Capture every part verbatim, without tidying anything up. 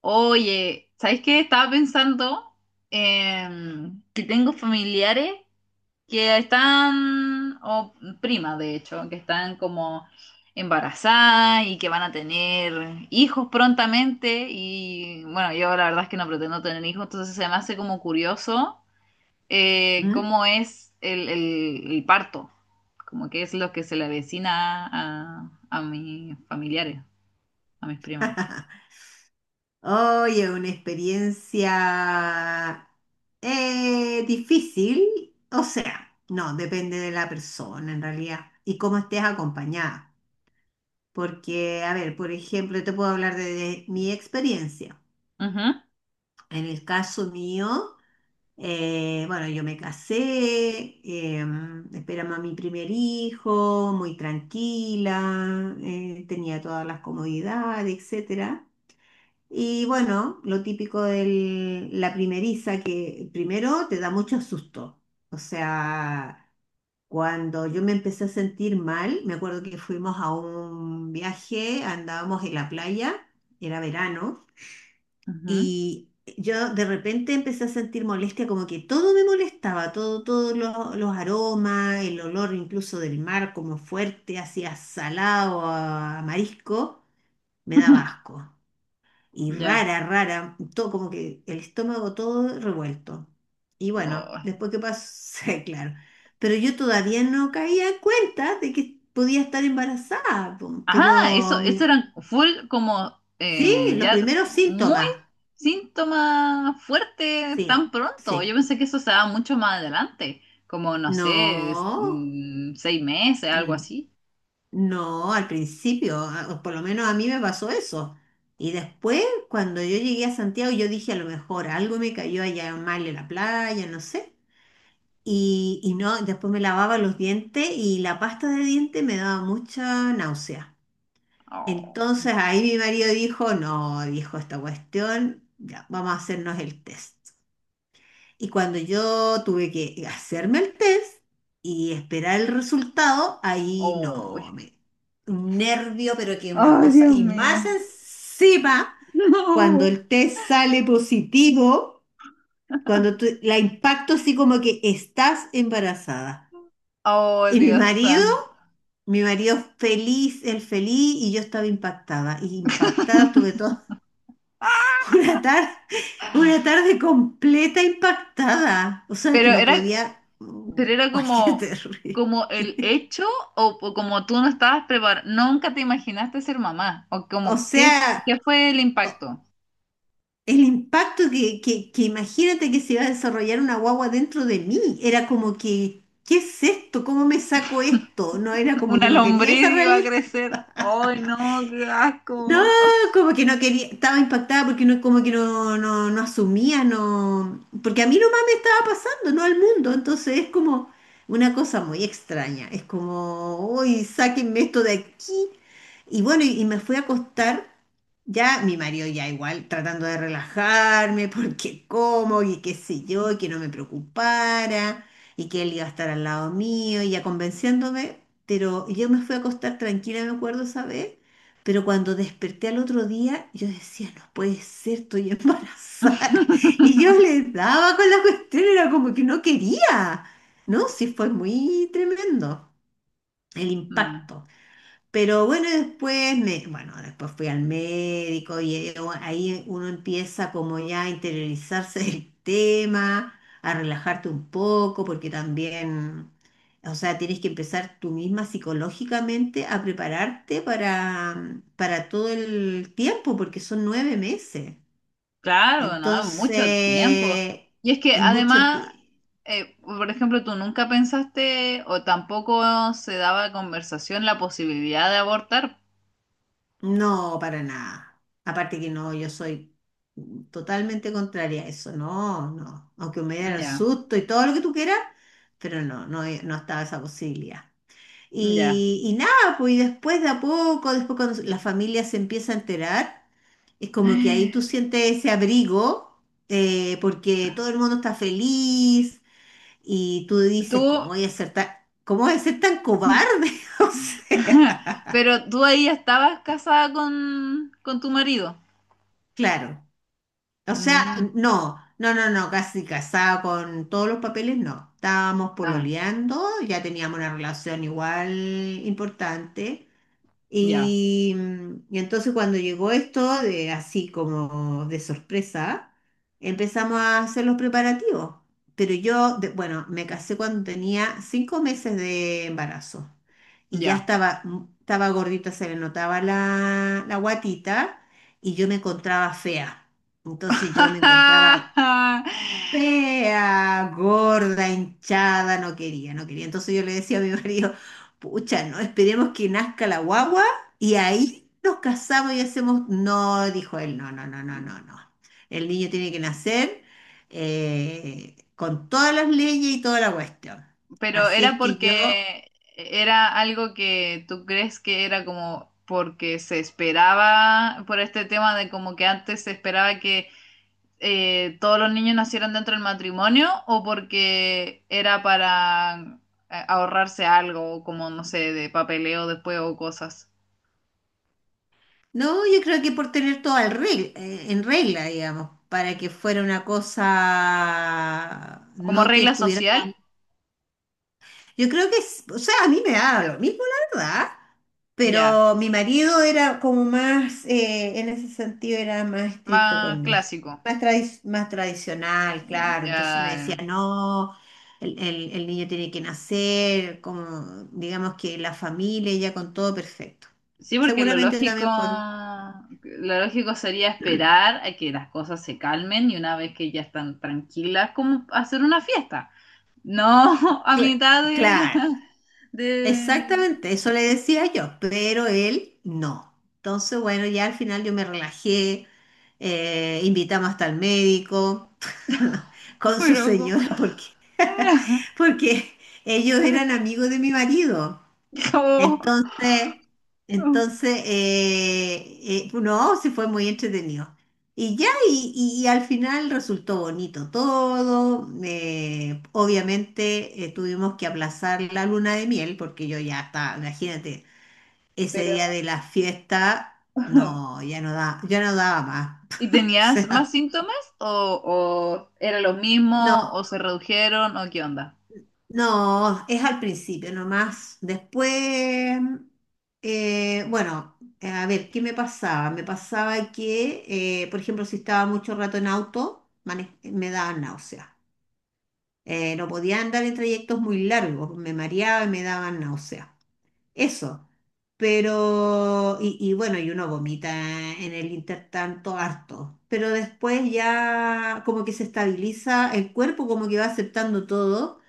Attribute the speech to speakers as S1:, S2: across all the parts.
S1: Oye, ¿sabes qué? Estaba pensando, em, que tengo familiares que están, o primas de hecho, que están como embarazadas y que van a tener hijos prontamente. Y bueno, yo la verdad es que no pretendo tener hijos, entonces se me hace como curioso eh,
S2: ¿Mm?
S1: cómo es el, el- el parto, como que es lo que se le avecina a, a mis familiares, a mis primas.
S2: Oye, una experiencia eh, difícil, o sea, no, depende de la persona en realidad y cómo estés acompañada. Porque, a ver, por ejemplo, te puedo hablar de, de mi experiencia.
S1: Ujú,
S2: En el caso mío, eh, bueno, yo me casé, em, esperamos a mi primer hijo, muy tranquila, eh, tenía todas las comodidades, etcétera. Y bueno, lo típico de la primeriza, que primero te da mucho susto. O sea, cuando yo me empecé a sentir mal, me acuerdo que fuimos a un viaje, andábamos en la playa, era verano,
S1: ujú.
S2: y yo de repente empecé a sentir molestia, como que todo me molestaba, todo, todos los, los aromas, el olor incluso del mar como fuerte, hacia salado, a a marisco, me daba asco y
S1: Ya.
S2: rara, rara, todo como que el estómago todo revuelto. Y bueno,
S1: Oh.
S2: después que pasó, claro. Pero yo todavía no caía en cuenta de que podía estar embarazada, po,
S1: Ah, eso,
S2: pero
S1: eso
S2: mi-
S1: eran full como
S2: sí,
S1: eh,
S2: los
S1: ya
S2: primeros
S1: muy
S2: síntomas,
S1: síntomas fuertes tan
S2: sí,
S1: pronto. Yo
S2: sí.
S1: pensé que eso se daba mucho más adelante, como no sé, es-
S2: No,
S1: mm, seis meses, algo
S2: mm,
S1: así.
S2: no, al principio, a- o por lo menos a mí me pasó eso. Y después, cuando yo llegué a Santiago, yo dije, a lo mejor algo me cayó allá mal en la playa, no sé. Y, y no, después me lavaba los dientes y la pasta de dientes me daba mucha náusea.
S1: Oh,
S2: Entonces ahí mi marido dijo, no, dijo esta cuestión, ya, vamos a hacernos el test. Y cuando yo tuve que hacerme el test y esperar el resultado, ahí
S1: oh.
S2: no, me, un nervio, pero que una
S1: Ay,
S2: cosa.
S1: Dios
S2: Y más
S1: mío.
S2: encima, cuando
S1: No.
S2: el test sale positivo, cuando tú- la impacto así como que estás embarazada.
S1: Oh,
S2: Y mi
S1: Dios
S2: marido,
S1: santo.
S2: mi marido feliz, él feliz y yo estaba impactada. Y impactada estuve toda una tarde, una tarde completa impactada. O sea,
S1: Pero
S2: que no
S1: era.
S2: podía...
S1: Pero era
S2: ¡Ay, qué
S1: como,
S2: terrible!
S1: como el hecho, o, o como tú no estabas preparada, nunca te imaginaste ser mamá, o
S2: O
S1: como qué,
S2: sea,
S1: qué fue el
S2: o-
S1: impacto.
S2: el impacto que, que, que imagínate que se iba a desarrollar una guagua dentro de mí. Era como que, ¿qué es esto? ¿Cómo me saco esto? No era como que
S1: Una
S2: no quería
S1: lombriz
S2: esa
S1: iba a
S2: realidad.
S1: crecer. ¡Ay, no, qué
S2: No,
S1: asco!
S2: como que no quería, estaba impactada porque no, como que no, no, no asumía, no, porque a mí nomás me estaba pasando, no al mundo, entonces es como una cosa muy extraña, es como, uy, sáquenme esto de aquí. Y bueno, y, y me fui a acostar, ya mi marido ya igual, tratando de relajarme, porque como, y qué sé yo, y que no me preocupara, y que él iba a estar al lado mío, y ya convenciéndome, pero yo me fui a acostar tranquila, me acuerdo, ¿sabes? Pero cuando desperté al otro día, yo decía, no puede ser, estoy embarazada. Y yo le daba con la cuestión, era como que no quería. No, sí fue muy tremendo el
S1: Mm,
S2: impacto. Pero bueno, después me, bueno, después fui al médico y eh, u- ahí uno empieza como ya a interiorizarse del tema, a relajarte un poco, porque también, o sea, tienes que empezar tú misma psicológicamente a prepararte para, mm, para todo el tiempo, porque son nueve meses.
S1: claro, no, mucho tiempo.
S2: Entonces,
S1: Y es que
S2: es mucho
S1: además,
S2: tiempo.
S1: eh, por ejemplo, tú nunca pensaste o tampoco se daba conversación la posibilidad de abortar.
S2: No, para nada. Aparte que no, yo soy totalmente contraria a eso. No, no. Aunque me diera el
S1: Ya,
S2: susto y todo lo que tú quieras, pero no, no, he- no estaba esa posibilidad.
S1: ya.
S2: Y, y nada, pues y después de a poco, después cuando la familia se empieza a enterar, es como que ahí tú sientes ese abrigo, eh, porque todo el mundo está feliz y tú
S1: Tú.
S2: dices, ¿cómo voy a ser tan, cómo voy a ser tan cobarde? O sea,
S1: Pero tú ahí ya estabas casada con, con tu marido.
S2: claro. O sea,
S1: Mm,
S2: no, no, no, no, casi casada con todos los papeles, no. Estábamos
S1: ah,
S2: pololeando, ya teníamos una relación igual importante.
S1: ya,
S2: Y, y entonces cuando llegó esto, de, así como de sorpresa, empezamos a hacer los preparativos. Pero yo, de- bueno, me casé cuando tenía cinco meses de embarazo y ya
S1: ya.
S2: estaba, mm, estaba gordita, se le notaba la, la guatita y yo me encontraba fea. Entonces yo me encontraba fea, gorda, hinchada, no quería, no quería. Entonces yo le decía a mi marido, pucha, no, esperemos que nazca la guagua y ahí nos casamos y hacemos. No, dijo él, no, no, no, no, no, no. El niño tiene que nacer eh, con todas las leyes y toda la cuestión.
S1: Pero
S2: Así es
S1: era
S2: que yo,
S1: porque era algo que tú crees que era como porque se esperaba por este tema de como que antes se esperaba que eh, todos los niños nacieran dentro del matrimonio, o porque era para eh, ahorrarse algo, como no sé, de papeleo después o cosas.
S2: no, yo creo que por tener todo al reg- eh, en regla, digamos, para que fuera una cosa,
S1: Como
S2: no que
S1: regla
S2: estuviera.
S1: social.
S2: Yo creo que, es- o sea, a mí me daba lo mismo, la verdad,
S1: Ya,
S2: pero mi marido era como más, eh, en ese sentido, era más estricto
S1: más
S2: con eso.
S1: clásico.
S2: Más, tradi- más tradicional, claro.
S1: Ya.
S2: Entonces me decía, no, el, el- el niño tiene que nacer, como, digamos que la familia ya con todo perfecto.
S1: Sí, porque lo
S2: Seguramente
S1: lógico,
S2: también por...
S1: lo lógico sería esperar a que las cosas se calmen y una vez que ya están tranquilas, como hacer una fiesta. No a
S2: cla-
S1: mitad de la,
S2: claro.
S1: del,
S2: Exactamente, eso le decía yo, pero él no. Entonces, bueno, ya al final yo me relajé, eh, invitamos hasta el médico con su
S1: pero
S2: señora, porque, porque ellos eran amigos de mi marido.
S1: como,
S2: Entonces, entonces, eh, eh, no, sí fue muy entretenido. Y ya, y, y al final resultó bonito todo. Eh, obviamente eh, tuvimos que aplazar la luna de miel porque yo ya estaba, imagínate, ese día
S1: pero
S2: de la fiesta, no, ya no da, ya no daba más.
S1: ¿y
S2: O
S1: tenías más
S2: sea,
S1: síntomas, o, o era lo mismo, o
S2: no,
S1: se redujeron, o qué onda?
S2: no, es al principio nomás. Después, eh, bueno, eh, a ver, ¿qué me pasaba? Me pasaba que, eh, por ejemplo, si estaba mucho rato en auto, mane- me daban náuseas. Eh, no podía andar en trayectos muy largos, me mareaba y me daban náuseas. Eso. Pero, y, y bueno, y uno vomita en el intertanto harto. Pero después ya como que se estabiliza el cuerpo, como que va aceptando todo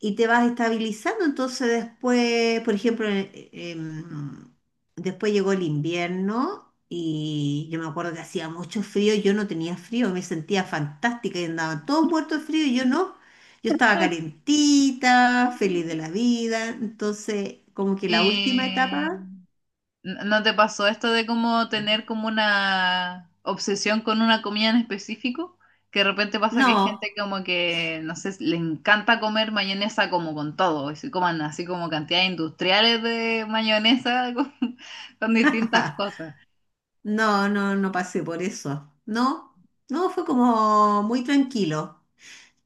S2: y te vas estabilizando. Entonces después, por ejemplo, eh, em, después llegó el invierno y yo me acuerdo que hacía mucho frío, yo no tenía frío, me sentía fantástica y andaban todos muertos de frío y yo no. Yo estaba calentita, feliz de la vida. Entonces, como que la última
S1: Y
S2: etapa,
S1: ¿no no te pasó esto de como tener como una obsesión con una comida en específico? Que de repente pasa que hay
S2: no,
S1: gente como que, no sé, le encanta comer mayonesa como con todo, y se coman así como cantidades industriales de mayonesa con, con distintas cosas.
S2: no, no, no pasé por eso. No, no, fue como muy tranquilo.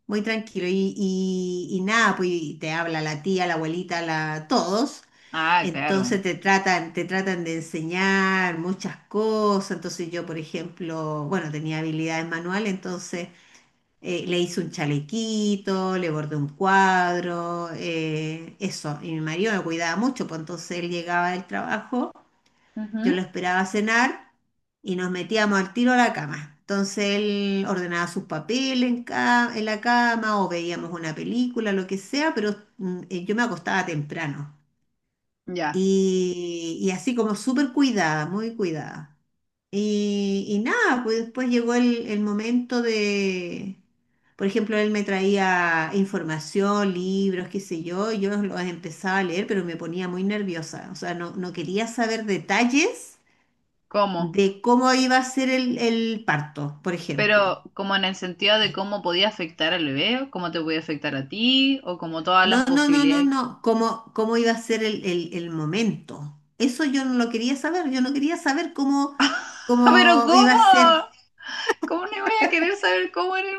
S2: Muy tranquilo. Y, y- y nada, pues y te habla la tía, la abuelita, la, todos.
S1: Ah, claro.
S2: Entonces te tratan, te tratan de enseñar muchas cosas. Entonces yo, por ejemplo, bueno, tenía habilidades manuales, entonces eh, le hice un chalequito, le bordé un cuadro, eh, eso. Y mi marido me cuidaba mucho, pues entonces él llegaba del trabajo. Yo
S1: Ujú.
S2: lo esperaba cenar y nos metíamos al tiro a la cama. Entonces él ordenaba sus papeles en, ca- en la cama o veíamos una película, lo que sea, pero mm, eh, yo me acostaba temprano.
S1: Ya,
S2: Y, y así como súper cuidada, muy cuidada. Y, y nada, pues después llegó el, el momento de, por ejemplo, él me traía información, libros, qué sé yo, yo los empezaba a leer, pero me ponía muy nerviosa, o sea, no, no quería saber detalles
S1: ¿cómo?
S2: de cómo iba a ser el, el parto, por ejemplo.
S1: Pero como en el sentido de cómo podía afectar al bebé, o cómo te podía afectar a ti, o como todas las
S2: No, no, no, no,
S1: posibilidades.
S2: no, cómo, cómo iba a ser el, el- el momento. Eso yo no lo quería saber, yo no quería saber cómo,
S1: ¡Pero
S2: cómo iba a
S1: cómo!
S2: ser.
S1: ¿Cómo le voy a querer saber cómo en el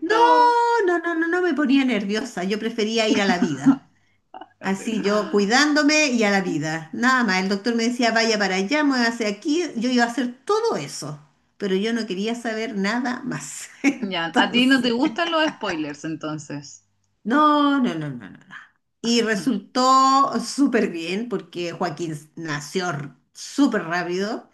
S2: No, no, no, no, no me ponía nerviosa, yo prefería ir a la vida.
S1: No,
S2: Así
S1: pero.
S2: yo cuidándome y a la vida. Nada más, el doctor me decía, vaya para allá, muévase aquí, yo iba a hacer todo eso, pero yo no quería saber nada más.
S1: Ya, ¿a ti no
S2: Entonces...
S1: te gustan los spoilers entonces?
S2: No, no, no, no, no, no. Y resultó súper bien porque Joaquín nació r- súper rápido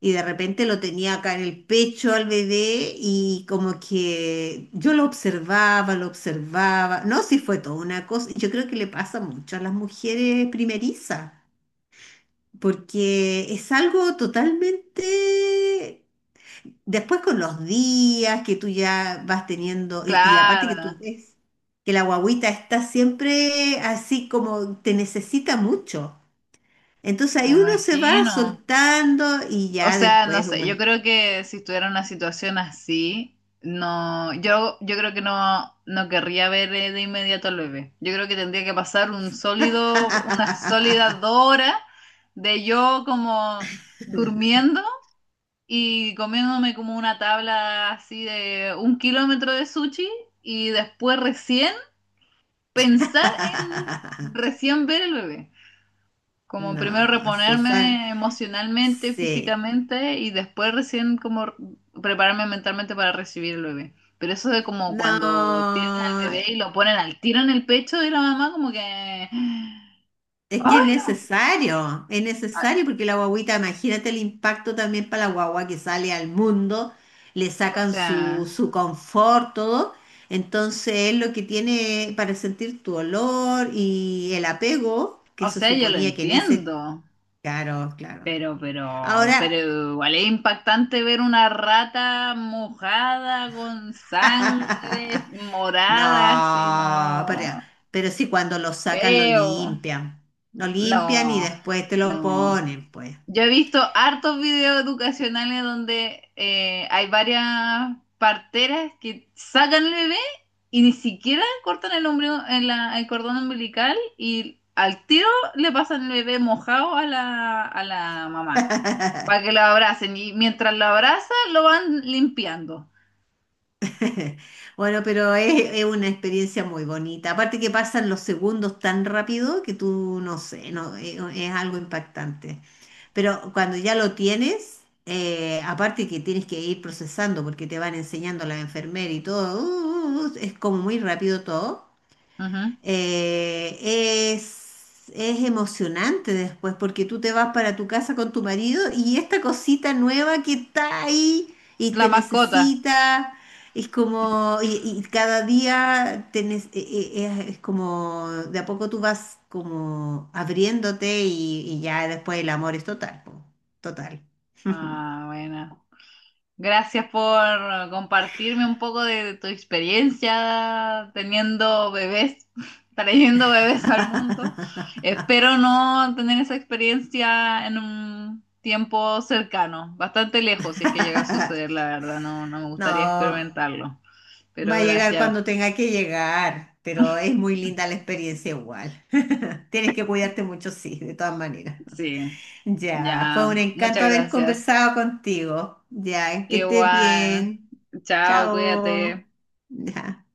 S2: y de repente lo tenía acá en el pecho al bebé y como que yo lo observaba, lo observaba. No, sí fue toda una cosa. Yo creo que le pasa mucho a las mujeres primerizas porque es algo totalmente. Después con los días que tú ya vas teniendo, y, y aparte
S1: Claro,
S2: que tú ves que la guagüita está siempre así como te necesita mucho. Entonces
S1: me
S2: ahí uno se va
S1: imagino.
S2: soltando y
S1: O
S2: ya
S1: sea, no
S2: después
S1: sé,
S2: uno.
S1: yo creo que si estuviera en una situación así, no, yo, yo creo que no, no querría ver eh, de inmediato al bebé. Yo creo que tendría que pasar un sólido, unas sólidas dos horas de yo como durmiendo y comiéndome como una tabla así de un kilómetro de sushi y después recién pensar en recién ver el bebé. Como
S2: No,
S1: primero
S2: se son,
S1: reponerme emocionalmente,
S2: sí.
S1: físicamente y después recién como prepararme mentalmente para recibir el bebé. Pero eso de como cuando tienen al bebé
S2: No,
S1: y lo ponen al tiro en el pecho de la mamá, como que... ¡Ay,
S2: es que es
S1: no!
S2: necesario, es
S1: Ah,
S2: necesario porque la guagüita, imagínate el impacto también para la guagua que sale al mundo, le
S1: O
S2: sacan
S1: sea,
S2: su, su confort, todo. Entonces es lo que tiene para sentir tu olor y el apego, que
S1: o
S2: se
S1: sea, yo lo
S2: suponía que en ese...
S1: entiendo.
S2: Claro, claro.
S1: Pero, pero, pero
S2: Ahora,
S1: igual es impactante ver una rata mojada con sangre morada, así,
S2: no, pero,
S1: no,
S2: pero sí cuando lo sacan lo
S1: feo,
S2: limpian, lo limpian y
S1: no,
S2: después te lo
S1: no.
S2: ponen, pues.
S1: Yo he visto hartos videos educacionales donde eh, hay varias parteras que sacan el bebé y ni siquiera cortan el, ombligo- en la- el cordón umbilical y al tiro le pasan el bebé mojado a la, a la mamá para que lo abracen. Y mientras lo abrazan, lo van limpiando.
S2: Bueno, pero es, es una experiencia muy bonita. Aparte que pasan los segundos tan rápido que tú no sé, no, es, es algo impactante. Pero cuando ya lo tienes, eh, aparte que tienes que ir procesando porque te van enseñando la enfermera y todo, uh, uh, uh, es como muy rápido todo.
S1: Ujú.
S2: Eh, es, es emocionante después porque tú te vas para tu casa con tu marido y esta cosita nueva que está ahí y
S1: La
S2: te
S1: mascota.
S2: necesita, es como, y, y cada día te ne- e- e- es, es como, de a poco tú vas como abriéndote y, y ya después el amor es total, po, total.
S1: Ah, bueno. Gracias por compartirme un poco de tu experiencia teniendo bebés, trayendo bebés al mundo. Espero no tener esa experiencia en un tiempo cercano, bastante lejos, si es que llega a suceder, la verdad. No, no me gustaría
S2: No.
S1: experimentarlo.
S2: Va
S1: Pero
S2: a llegar
S1: gracias.
S2: cuando tenga que llegar, pero es muy linda la experiencia igual. Tienes que cuidarte mucho, sí, de todas maneras.
S1: Sí,
S2: Ya, fue un
S1: ya.
S2: encanto
S1: Muchas
S2: haber
S1: gracias.
S2: conversado contigo. Ya, que estés
S1: Igual.
S2: bien.
S1: Chao,
S2: Chao.
S1: cuídate.
S2: Ya.